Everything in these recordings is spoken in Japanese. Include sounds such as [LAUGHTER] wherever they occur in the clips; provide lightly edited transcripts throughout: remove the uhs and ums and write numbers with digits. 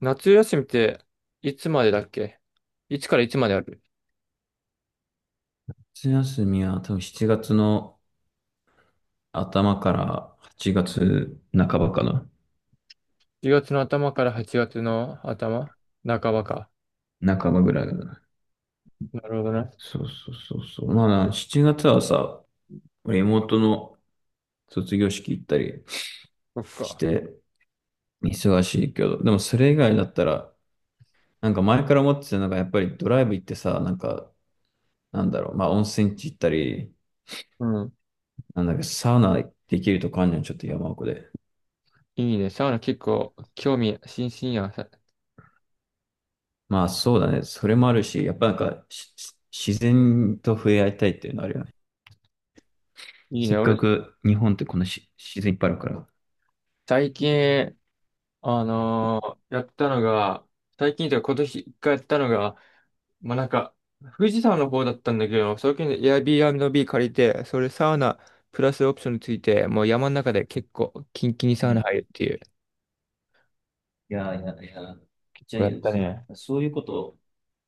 夏休みっていつまでだっけ？いつからいつまである？ 夏休みは多分7月の頭から8月半ばかな。10 月の頭から8月の頭半ばか。半ばぐらいだな。なるほどね。そうそうそうそう。まあ7月はさ、俺妹の卒業式行ったりそっしか。て忙しいけど、でもそれ以外だったら、なんか前から思ってたのがやっぱりドライブ行ってさ、なんか、なんだろう、まあ温泉地行ったり、うん。なんだっけ、サウナできるとこあんじゃん、ちょっと山奥で。いいね。サウナ結構興味津々やん。まあそうだね。それもあるし、やっぱなんか自然と触れ合いたいっていうのあるよね。いいせね。っか俺、く日本ってこの自然いっぱいあるから。最近、あのやったのが、最近というか今年一回やったのが、まあ、なんか、富士山の方だったんだけど、最近 Airbnb 借りて、それサウナプラスオプションについて、もう山の中で結構キンキンにうサウナ入ん。るっていう。いやいやいや、ジャこうやイアっンたツ。ね。そういうことを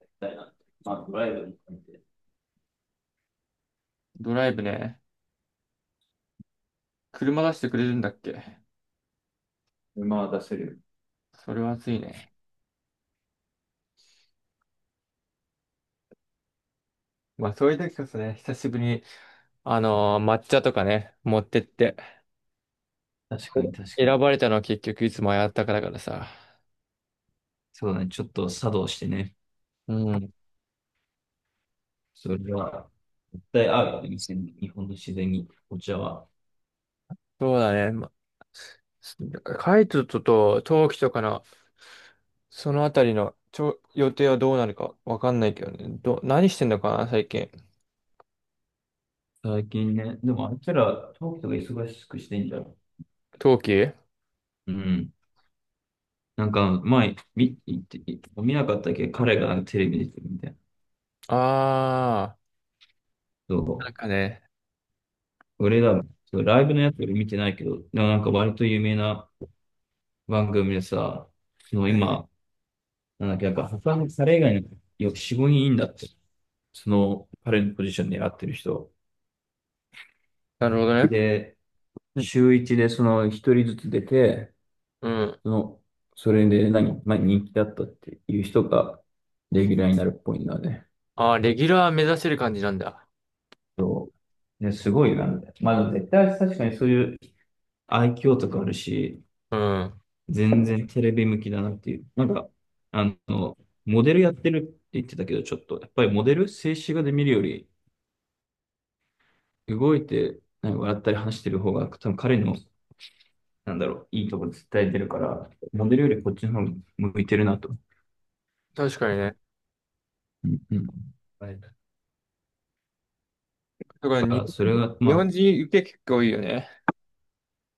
やりたいなって。まあ、ドライブも含めて。ドライブね。車出してくれるんだっけ？馬は出せるよ。それは熱いね。まあそういう時こそね、久しぶりに、抹茶とかね、持ってって。確かに確か選に。ばれたのは結局いつもやったからさ。そうだね。ちょっと作動してね。うん。それは、絶対合うよね。店に日本の自然にお茶は。そうだね。ま、カイトと冬季とかの、そのあたりの予定はどうなるかわかんないけどね。何してんのかな、最近。最近ね、でもあいつら、東京が忙しくしてんじゃん。冬季うん。なんか、前、見なかったっけ彼がテレビ出てるみたいな。あそなんかね。う。俺ら、そうライブのやつ俺見てないけど、でもなんか割と有名な番組でさ、そのは今、なんだっけ、なんか他の彼以外の4、5人いいんだって。その彼のポジションでやってる人。なるほどね。で、週一でその一人ずつ出て、うん。その、それで何、まあ、人気だったっていう人がレギュラーになるっぽいんだね。あー、レギュラー目指せる感じなんだ。そう。ね、すごいな。まあ、絶対確かにそういう愛嬌とかあるし、うん。全然テレビ向きだなっていう。なんか、あの、モデルやってるって言ってたけど、ちょっと、やっぱりモデル、静止画で見るより、動いて、なんか笑ったり話してる方が、多分彼の、なんだろう、いいとこ絶対出るから、モデルよりこっちの方が向いてるなと。確かにね。うんうん。だはい。だからか日ら、そ本れ人、が、日ま本あ、人受け結構多いよね。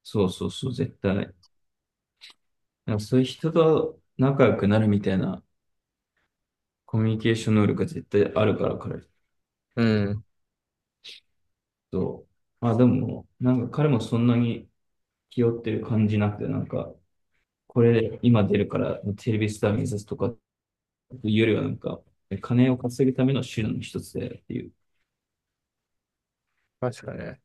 そうそうそう、絶対。だからそういう人と仲良くなるみたいなコミュニケーション能力が絶対あるから、彼。うん。そう。まあでも、なんか彼もそんなに気負ってる感じなくて、なんか、これ今出るからテレビスター目指すとかっていうよりはなんか、金を稼ぐための手段の一つでっていう。確かにね。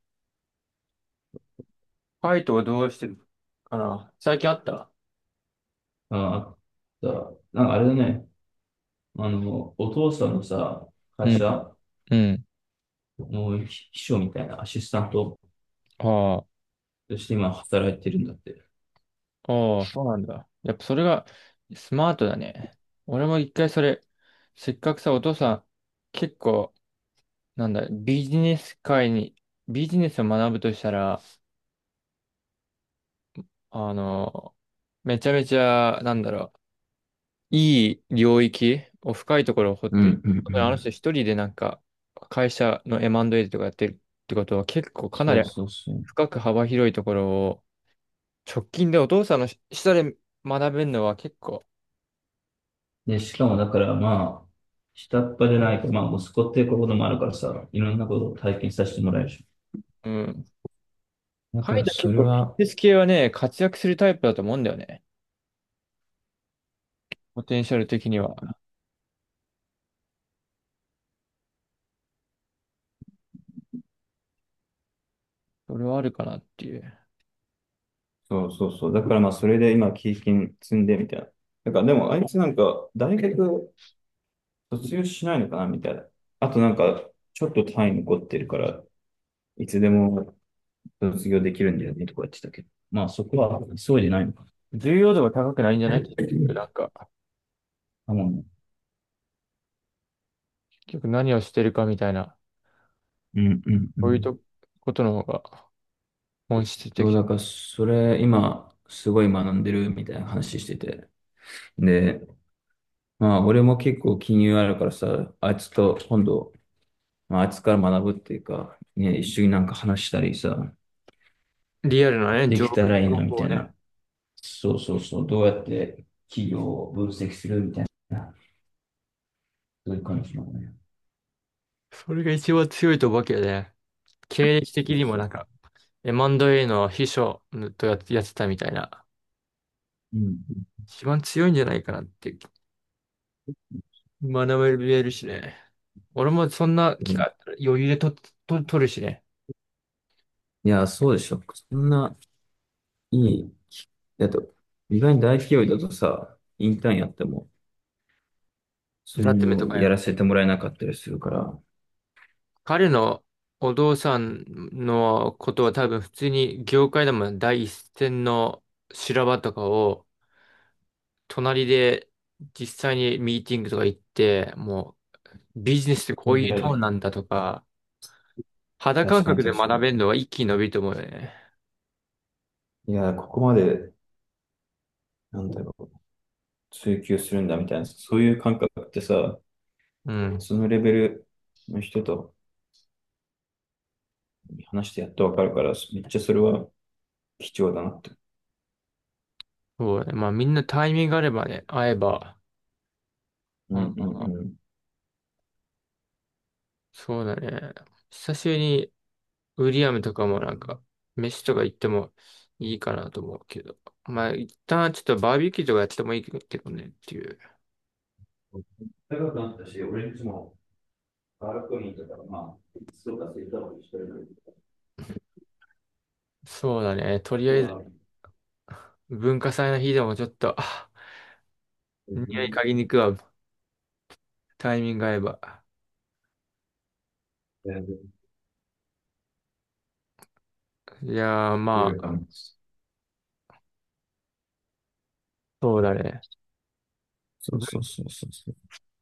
ファイトはどうしてるかな最近あった？ああ、だなんかあれだね、お父さんのさ、う会ん、社うん。の秘書みたいなアシスタントあとして今働いてるんだって。あ、ああ、そうなんだ。やっぱそれがスマートだね。俺も一回それ、せっかくさ、お父さん、結構、なんだ、ビジネス界に、ビジネスを学ぶとしたら、あの、めちゃめちゃ、なんだろう、いい領域を深いところを掘っうてる。んうんうだからあの人ん。一人でなんか会社の M&A とかやってるってことは結構かなそりうそうそう。深く幅広いところを直近でお父さんの下で学べるのは結構、で、しかもだからまあ、下っ端じゃないか、まあ息子っていうこともあるからさ、いろんなことを体験させてもらえるし、うん。だか彼イらトそ結れ構ビジは、ネス系はね、活躍するタイプだと思うんだよね。ポテンシャル的には。それはあるかなっていう。そうそうそう。だからまあ、それで今、経験積んでみたいな。だからでも、あいつなんか、大学卒業しないのかなみたいな。あとなんか、ちょっと単位残ってるから、いつでも卒業できるんだよねとか言ってたけど。まあ、そこは急いでないのか。重要度が高くないんじゃない結局なんか、あ、もうね。結局何をしてるかみたいな、うんうんうそういうん。とことの方が本質的。そう、だからそれ、今、すごい学んでるみたいな話してて。で、まあ、俺も結構金融あるからさ、あいつと今度、まあ、あいつから学ぶっていうか、ね、一緒になんか話したりさ、リアルなね、で情きたらいいなみ報たをいね。な。そうそうそう、どうやって企業を分析するみたいな、そういう感じなのね。それが一番強いとわけどね。経歴そ的うにもそう。なんか、M&A の秘書とやってたみたいな。うん。一番強いんじゃないかなって、学べるしね。俺もそんなう機ん。会あったら余裕で取るしね。いや、そうでしょ。そんないい。だと、意外に大企業だとさ、インターンやっても、そザッテメのとなかやらや。せてもらえなかったりするから、彼のお父さんのことは多分普通に業界でも第一線の修羅場とかを隣で実際にミーティングとか行って、もうビジネスってこ感うじいうられどうる。なんだとか、肌感確かに覚で確か学に。べるのは一気に伸びると思うよね。いや、ここまで、なんだろう、追求するんだみたいな、そういう感覚ってさ、うん。そのレベルの人と話してやっとわかるから、めっちゃそれは貴重だなって。そうだね。まあみんなタイミングがあればね、会えば。うんうあ、んうん。そうだね。久しぶりにウィリアムとかもなんか、飯とか行ってもいいかなと思うけど。まあ一旦ちょっとバーベキューとかやってもいいけどねっていう。高くなったし、俺んちもバルコニーとか、まあ、そうか、そういったことしてるそうだね。とりあかえずら、文化祭の日でもちょっと、あ全匂い嗅ぎ然に行くわ。タイミング合えば。いやーウまるかあ、も。そうだね。そうぶそうそうそうそ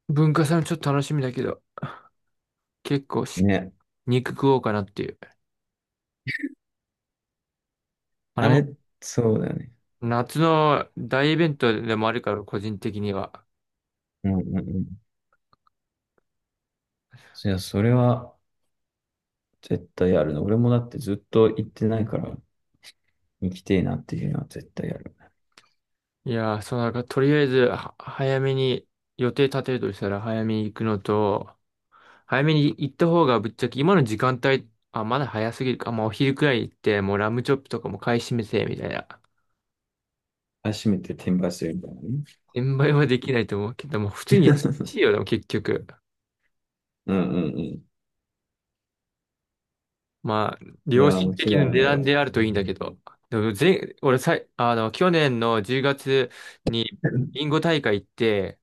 文化祭もちょっと楽しみだけど、結構う。ね。肉食おうかなっていう。ああれもれ、そうだよね。夏の大イベントでもあるから、個人的には。うんうんうん。いやそれは絶対あるの。俺もだってずっと行ってないから、行きてえなっていうのは絶対ある。いやー、そうなんか、とりあえず、早めに予定立てるとしたら、早めに行くのと、早めに行った方がぶっちゃけ、今の時間帯、あ、まだ早すぎるか、まあお昼くらい行って、もうラムチョップとかも買い占めて、みたいな。初めて転売するみたいなね。転売はできないと思うけど、もう普通に安い [LAUGHS] よ、でも結局。うんうんうん。まあ、い良やー、心的間な違い値ない段わ。であるといいんだけど。でも、前、俺さい、あの、去年の10月にビンゴ大会行って、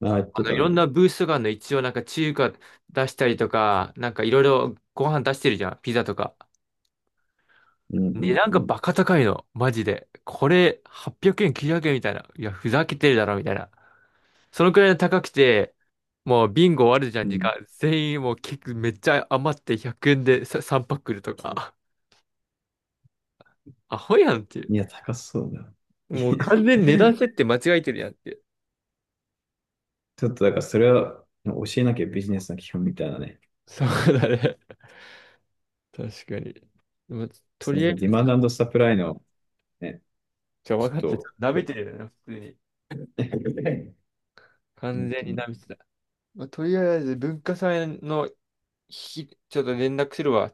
ああ、言っあての、いたろね。んなブースとかあるの一応なんか中華出したりとか、なんかいろいろご飯出してるじゃん、ピザとか。うんう値ん段うがんバカ高いの、マジで。これ800円、900円みたいな。いや、ふざけてるだろ、みたいな。そのくらい高くて、もうビンゴ終わるじゃうん、時ん。間。全員もう結構めっちゃ余って100円でさ3パック来るとか。[LAUGHS] アホやんっていう。いや、高そうだ。[LAUGHS] いもう完全に値段や、設定間違えてるやんっていう。ちょっとだからそれは教えなきゃビジネスの基本みたいなね。そうだね。確かに。でもとそりあのディえず、マンドサプライのね、じゃ分ちかった。ちょょっと舐っと、めてるよね、普通に。[LAUGHS] 完本全当にに。ダミスだ。まあ、とりあえず文化祭の日、ちょっと連絡するわ。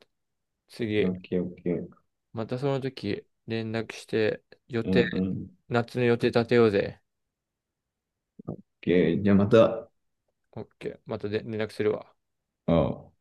オ次。ッケーオッケー。またその時連絡して予うんう定、ん。オッ夏の予定立てようぜ。ケー。じゃあまた、あオッケー。またで連絡するわ。あ